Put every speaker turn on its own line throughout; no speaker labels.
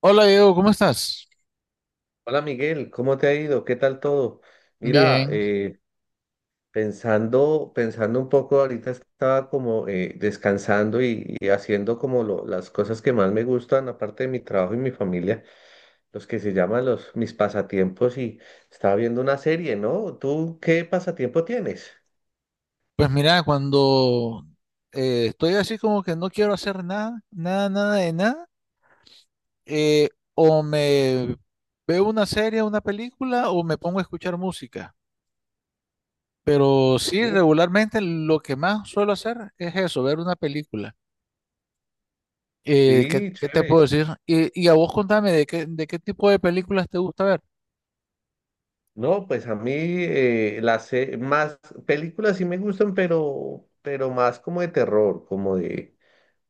Hola Diego, ¿cómo estás?
Hola Miguel, ¿cómo te ha ido? ¿Qué tal todo? Mira,
Bien.
pensando, pensando un poco, ahorita estaba como descansando y haciendo como las cosas que más me gustan, aparte de mi trabajo y mi familia, los que se llaman los mis pasatiempos y estaba viendo una serie, ¿no? ¿Tú qué pasatiempo tienes?
Pues mira, cuando estoy así como que no quiero hacer nada, nada, nada de nada, eh, o me veo una serie, una película, o me pongo a escuchar música. Pero sí,
Uh,
regularmente lo que más suelo hacer es eso, ver una película.
sí,
¿Qué te puedo
chévere.
decir? Y a vos contame, ¿de de qué tipo de películas te gusta ver?
No, pues a mí más películas sí me gustan, pero más como de terror,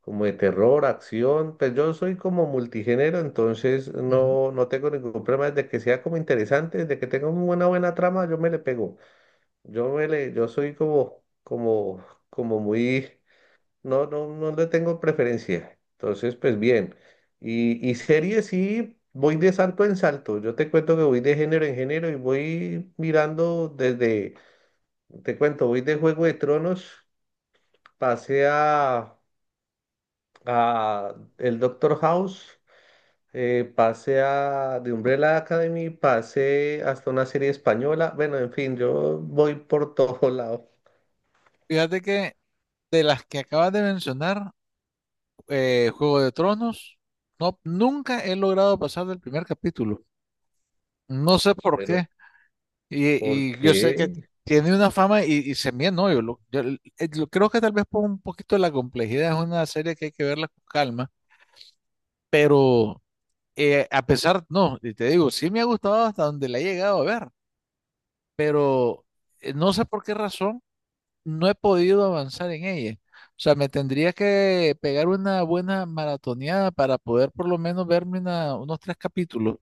como de terror, acción, pues yo soy como multigénero, entonces
Ujú.
no, no tengo ningún problema, desde que sea como interesante, desde que tenga una buena trama, yo me le pego, yo soy como muy, no, no, no le tengo preferencia, entonces pues bien, y series sí, voy de salto en salto, yo te cuento que voy de género en género y voy mirando te cuento, voy de Juego de Tronos, pasé a el Doctor House, pasé a de Umbrella Academy, pasé hasta una serie española. Bueno, en fin, yo voy por todo lado.
Fíjate que de las que acabas de mencionar, Juego de Tronos. No, nunca he logrado pasar del primer capítulo. No sé por
Pero
qué.
¿por
Y yo sé que
qué?
tiene una fama y se me no, yo creo que tal vez por un poquito de la complejidad es una serie que hay que verla con calma, pero a pesar, no, y te digo, sí me ha gustado hasta donde la he llegado a ver, pero no sé por qué razón no he podido avanzar en ella. O sea, me tendría que pegar una buena maratoneada para poder por lo menos verme unos tres capítulos.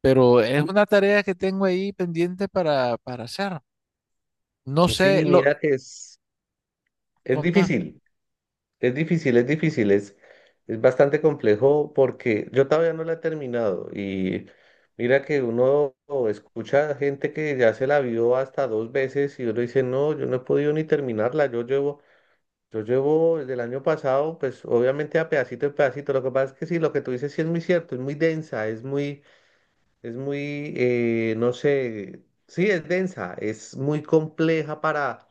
Pero es una tarea que tengo ahí pendiente para hacer. No sé,
Sí,
lo
es
contame.
difícil, es difícil, es difícil, es bastante complejo porque yo todavía no la he terminado. Y mira que uno escucha gente que ya se la vio hasta dos veces y uno dice, no, yo no he podido ni terminarla, Yo llevo el del año pasado, pues obviamente a pedacito en pedacito. Lo que pasa es que sí, lo que tú dices sí es muy cierto, es muy densa, no sé, sí, es densa, es muy compleja para,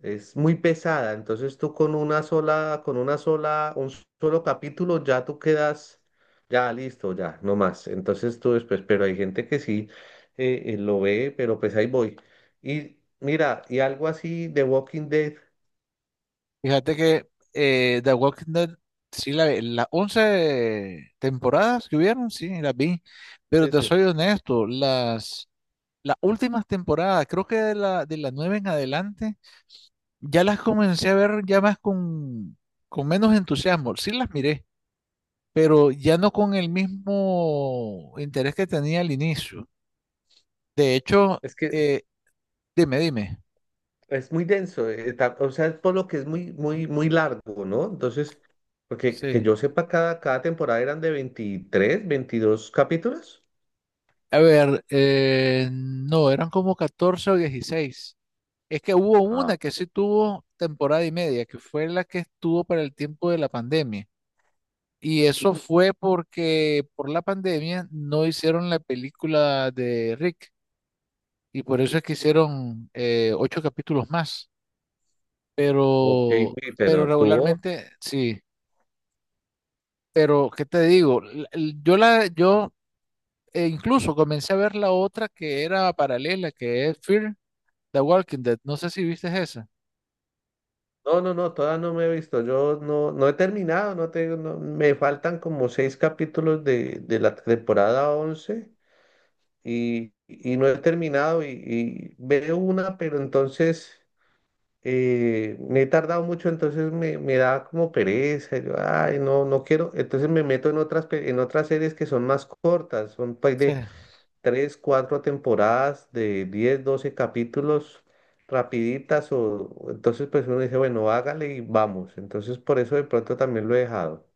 es muy pesada. Entonces tú con una sola, un solo capítulo ya tú quedas, ya listo, ya, no más. Entonces tú después, pero hay gente que sí lo ve, pero pues ahí voy. Y mira, y algo así de Walking Dead,
Fíjate que The Walking Dead, sí, la, las 11 temporadas que hubieron, sí, las vi. Pero te
ese.
soy honesto, las últimas temporadas, creo que de la 9 en adelante. Ya las comencé a ver ya más con menos entusiasmo. Sí las miré, pero ya no con el mismo interés que tenía al inicio. De hecho,
Es que
eh, dime, dime.
Es muy denso, o sea, es por lo que es muy, muy, muy largo, ¿no? Entonces, porque que
Sí.
yo sepa, cada temporada eran de 23 22 capítulos.
A ver, no, eran como 14 o 16. Es que hubo
Ah,
una que sí tuvo temporada y media, que fue la que estuvo para el tiempo de la pandemia. Y eso fue porque por la pandemia no hicieron la película de Rick. Y por eso es que hicieron 8 capítulos más.
ok,
Pero,
uy,
pero
pero estuvo.
regularmente sí. Pero, ¿qué te digo? Yo incluso comencé a ver la otra que era paralela, que es Fear the Walking Dead. No sé si viste esa.
No, no, no, todavía no me he visto. Yo no, no he terminado, no tengo, no- me faltan como seis capítulos de la temporada 11 y no he terminado y veo una, pero entonces. Me he tardado mucho, entonces me da como pereza, yo, ay, no, no quiero, entonces me meto en otras, en otras series que son más cortas, son pues
Sí.
de 3 4 temporadas, de 10 12 capítulos, rapiditas, o entonces pues uno dice, bueno, hágale y vamos, entonces por eso de pronto también lo he dejado.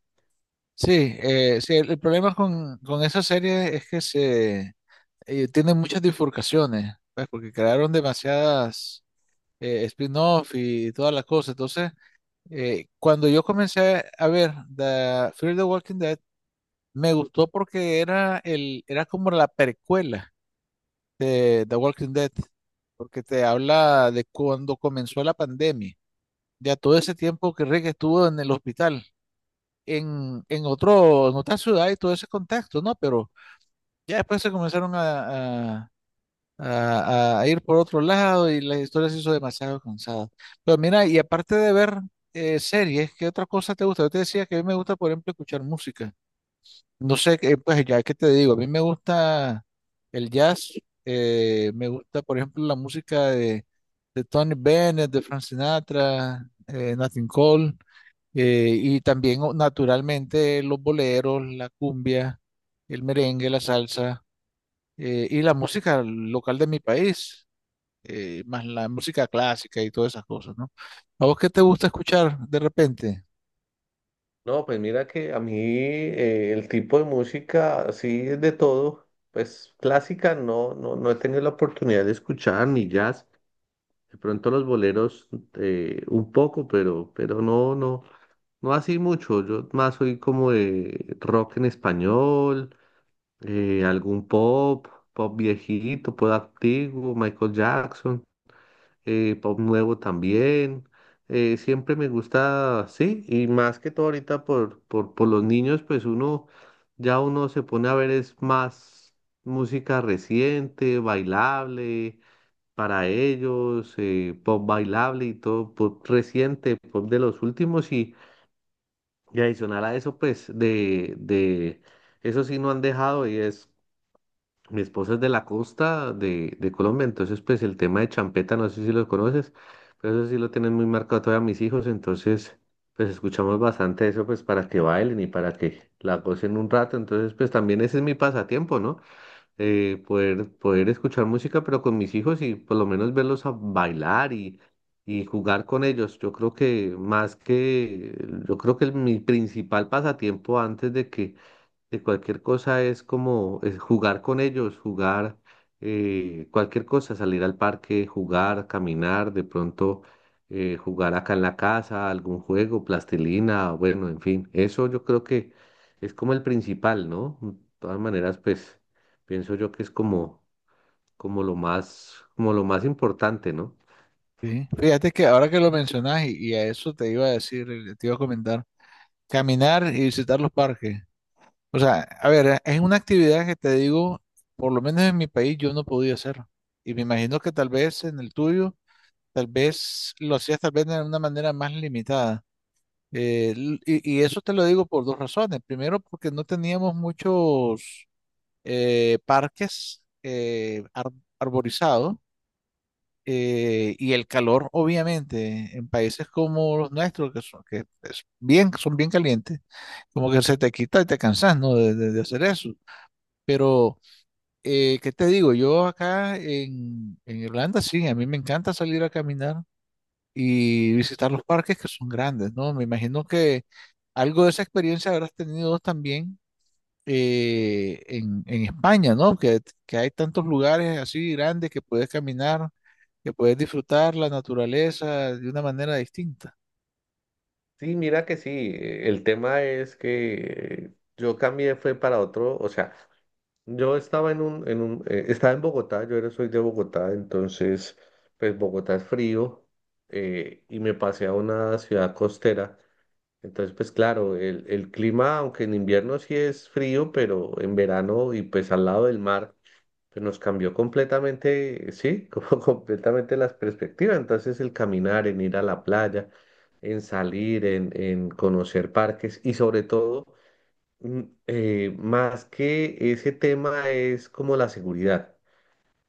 Sí, sí, el problema con esa serie es que se tiene muchas bifurcaciones, pues, porque crearon demasiadas spin-off y todas las cosas. Entonces, cuando yo comencé a ver The Fear the Walking Dead, me gustó porque era como la precuela de The Walking Dead, porque te habla de cuando comenzó la pandemia, ya todo ese tiempo que Rick estuvo en el hospital, en otro, en otra ciudad y todo ese contexto, ¿no? Pero ya después se comenzaron a ir por otro lado y la historia se hizo demasiado cansada. Pero mira, y aparte de ver series, ¿qué otra cosa te gusta? Yo te decía que a mí me gusta, por ejemplo, escuchar música. No sé, qué, pues ya que te digo, a mí me gusta el jazz, me gusta, por ejemplo, la música de Tony Bennett, de Frank Sinatra, Nat King Cole, y también, naturalmente, los boleros, la cumbia, el merengue, la salsa, y la música local de mi país más la música clásica y todas esas cosas, ¿no? ¿A vos qué te gusta escuchar de repente?
No, pues mira que a mí el tipo de música, sí, es de todo, pues clásica no, no, no he tenido la oportunidad de escuchar, ni jazz. De pronto los boleros un poco, pero no, no, no así mucho. Yo más soy como de rock en español, algún pop, pop viejito, pop antiguo, Michael Jackson, pop nuevo también. Siempre me gusta, sí, y más que todo ahorita por los niños, pues uno, ya uno se pone a ver es más música reciente, bailable para ellos, pop bailable y todo, pop reciente, pop de los últimos y adicional a eso, pues de eso sí no han dejado y es, mi esposa es de la costa de Colombia, entonces pues el tema de champeta, no sé si lo conoces, pero eso sí lo tienen muy marcado todavía mis hijos, entonces pues escuchamos bastante eso pues para que bailen y para que la gocen un rato, entonces pues también ese es mi pasatiempo, ¿no? Poder, poder escuchar música, pero con mis hijos y por lo menos verlos a bailar y jugar con ellos. Yo creo que mi principal pasatiempo antes de que de cualquier cosa es como es jugar con ellos, jugar cualquier cosa, salir al parque, jugar, caminar, de pronto jugar acá en la casa, algún juego, plastilina, bueno, en fin, eso yo creo que es como el principal, ¿no? De todas maneras, pues pienso yo que es como lo más importante, ¿no?
Sí. Fíjate que ahora que lo mencionas y a eso te iba a decir, te iba a comentar, caminar y visitar los parques. O sea, a ver, es una actividad que te digo, por lo menos en mi país yo no podía hacer. Y me imagino que tal vez en el tuyo, tal vez lo hacías tal vez de una manera más limitada. Y eso te lo digo por dos razones. Primero, porque no teníamos muchos parques arborizados y el calor, obviamente, en países como los nuestros, que son, que es bien, son bien calientes, como que se te quita y te cansas, ¿no? de, de hacer eso. Pero, ¿qué te digo? Yo acá en Irlanda, sí, a mí me encanta salir a caminar y visitar los parques que son grandes, ¿no? Me imagino que algo de esa experiencia habrás tenido también en España, ¿no? Que hay tantos lugares así grandes que puedes caminar, que puedes disfrutar la naturaleza de una manera distinta.
Sí, mira que sí, el tema es que yo cambié fue para otro, o sea, yo estaba estaba en Bogotá, yo era, soy de Bogotá, entonces, pues Bogotá es frío y me pasé a una ciudad costera. Entonces, pues claro, el clima, aunque en invierno sí es frío, pero en verano y pues al lado del mar, pues nos cambió completamente, sí, como completamente las perspectivas. Entonces, el caminar, en ir a la playa, en salir, en conocer parques y sobre todo mm, más que ese tema es como la seguridad,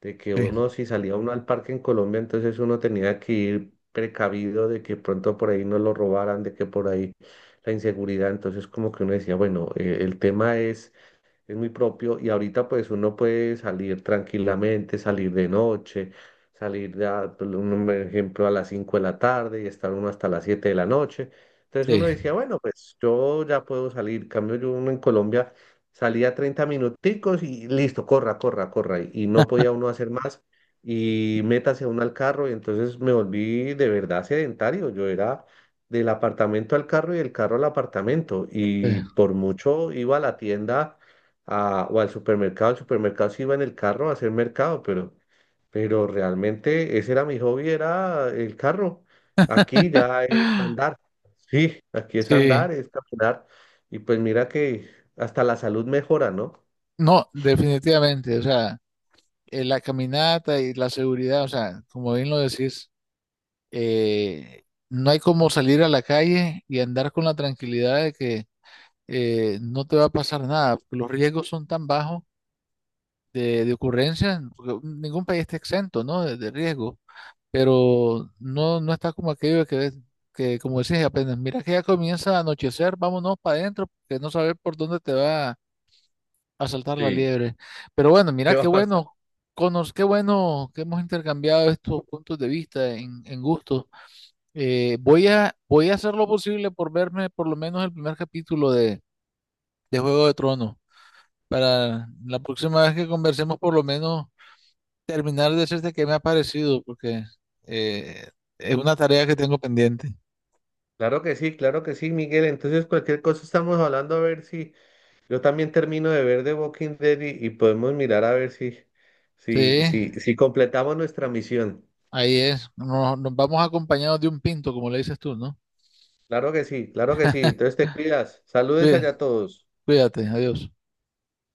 de que
Sí,
uno si salía uno al parque en Colombia, entonces uno tenía que ir precavido de que pronto por ahí no lo robaran, de que por ahí la inseguridad, entonces como que uno decía, bueno, el tema es muy propio y ahorita pues uno puede salir tranquilamente, salir de noche, salir, por un ejemplo, a las 5 de la tarde y estar uno hasta las 7 de la noche. Entonces uno
sí,
decía, bueno, pues yo ya puedo salir. En cambio yo uno en Colombia salía 30 minuticos y listo, corra, corra, corra. Y no podía uno hacer más y métase uno al carro y entonces me volví de verdad sedentario. Yo era del apartamento al carro y del carro al apartamento.
sí.
Y por mucho iba a la tienda o al supermercado. El supermercado sí iba en el carro a hacer mercado, pero realmente ese era mi hobby, era el carro. Aquí ya es andar. Sí, aquí es
Sí,
andar, es caminar. Y pues mira que hasta la salud mejora, ¿no?
no, definitivamente, o sea, la caminata y la seguridad, o sea, como bien lo decís, no hay como salir a la calle y andar con la tranquilidad de que no te va a pasar nada, porque los riesgos son tan bajos de ocurrencias, porque ningún país está exento, ¿no? De riesgo, pero no, no está como aquello de que, como decís, apenas mira que ya comienza a anochecer, vámonos para adentro, porque no sabes por dónde te va a saltar la
Sí,
liebre. Pero bueno, mira
¿qué va
qué
a pasar?
bueno, conos, qué bueno que hemos intercambiado estos puntos de vista en gusto. Voy a, voy a hacer lo posible por verme por lo menos el primer capítulo de Juego de Tronos. Para la próxima vez que conversemos, por lo menos terminar de decirte qué me ha parecido, porque eh, es una tarea que tengo pendiente.
Claro que sí, Miguel. Entonces, cualquier cosa estamos hablando a ver si yo también termino de ver The Walking Dead y podemos mirar a ver si,
Sí,
si completamos nuestra misión.
ahí es. Nos, nos vamos acompañados de un pinto, como le dices tú, ¿no?
Claro que sí, claro que sí. Entonces te cuidas. Saludes
Cuí-
allá a todos.
Cuídate, adiós.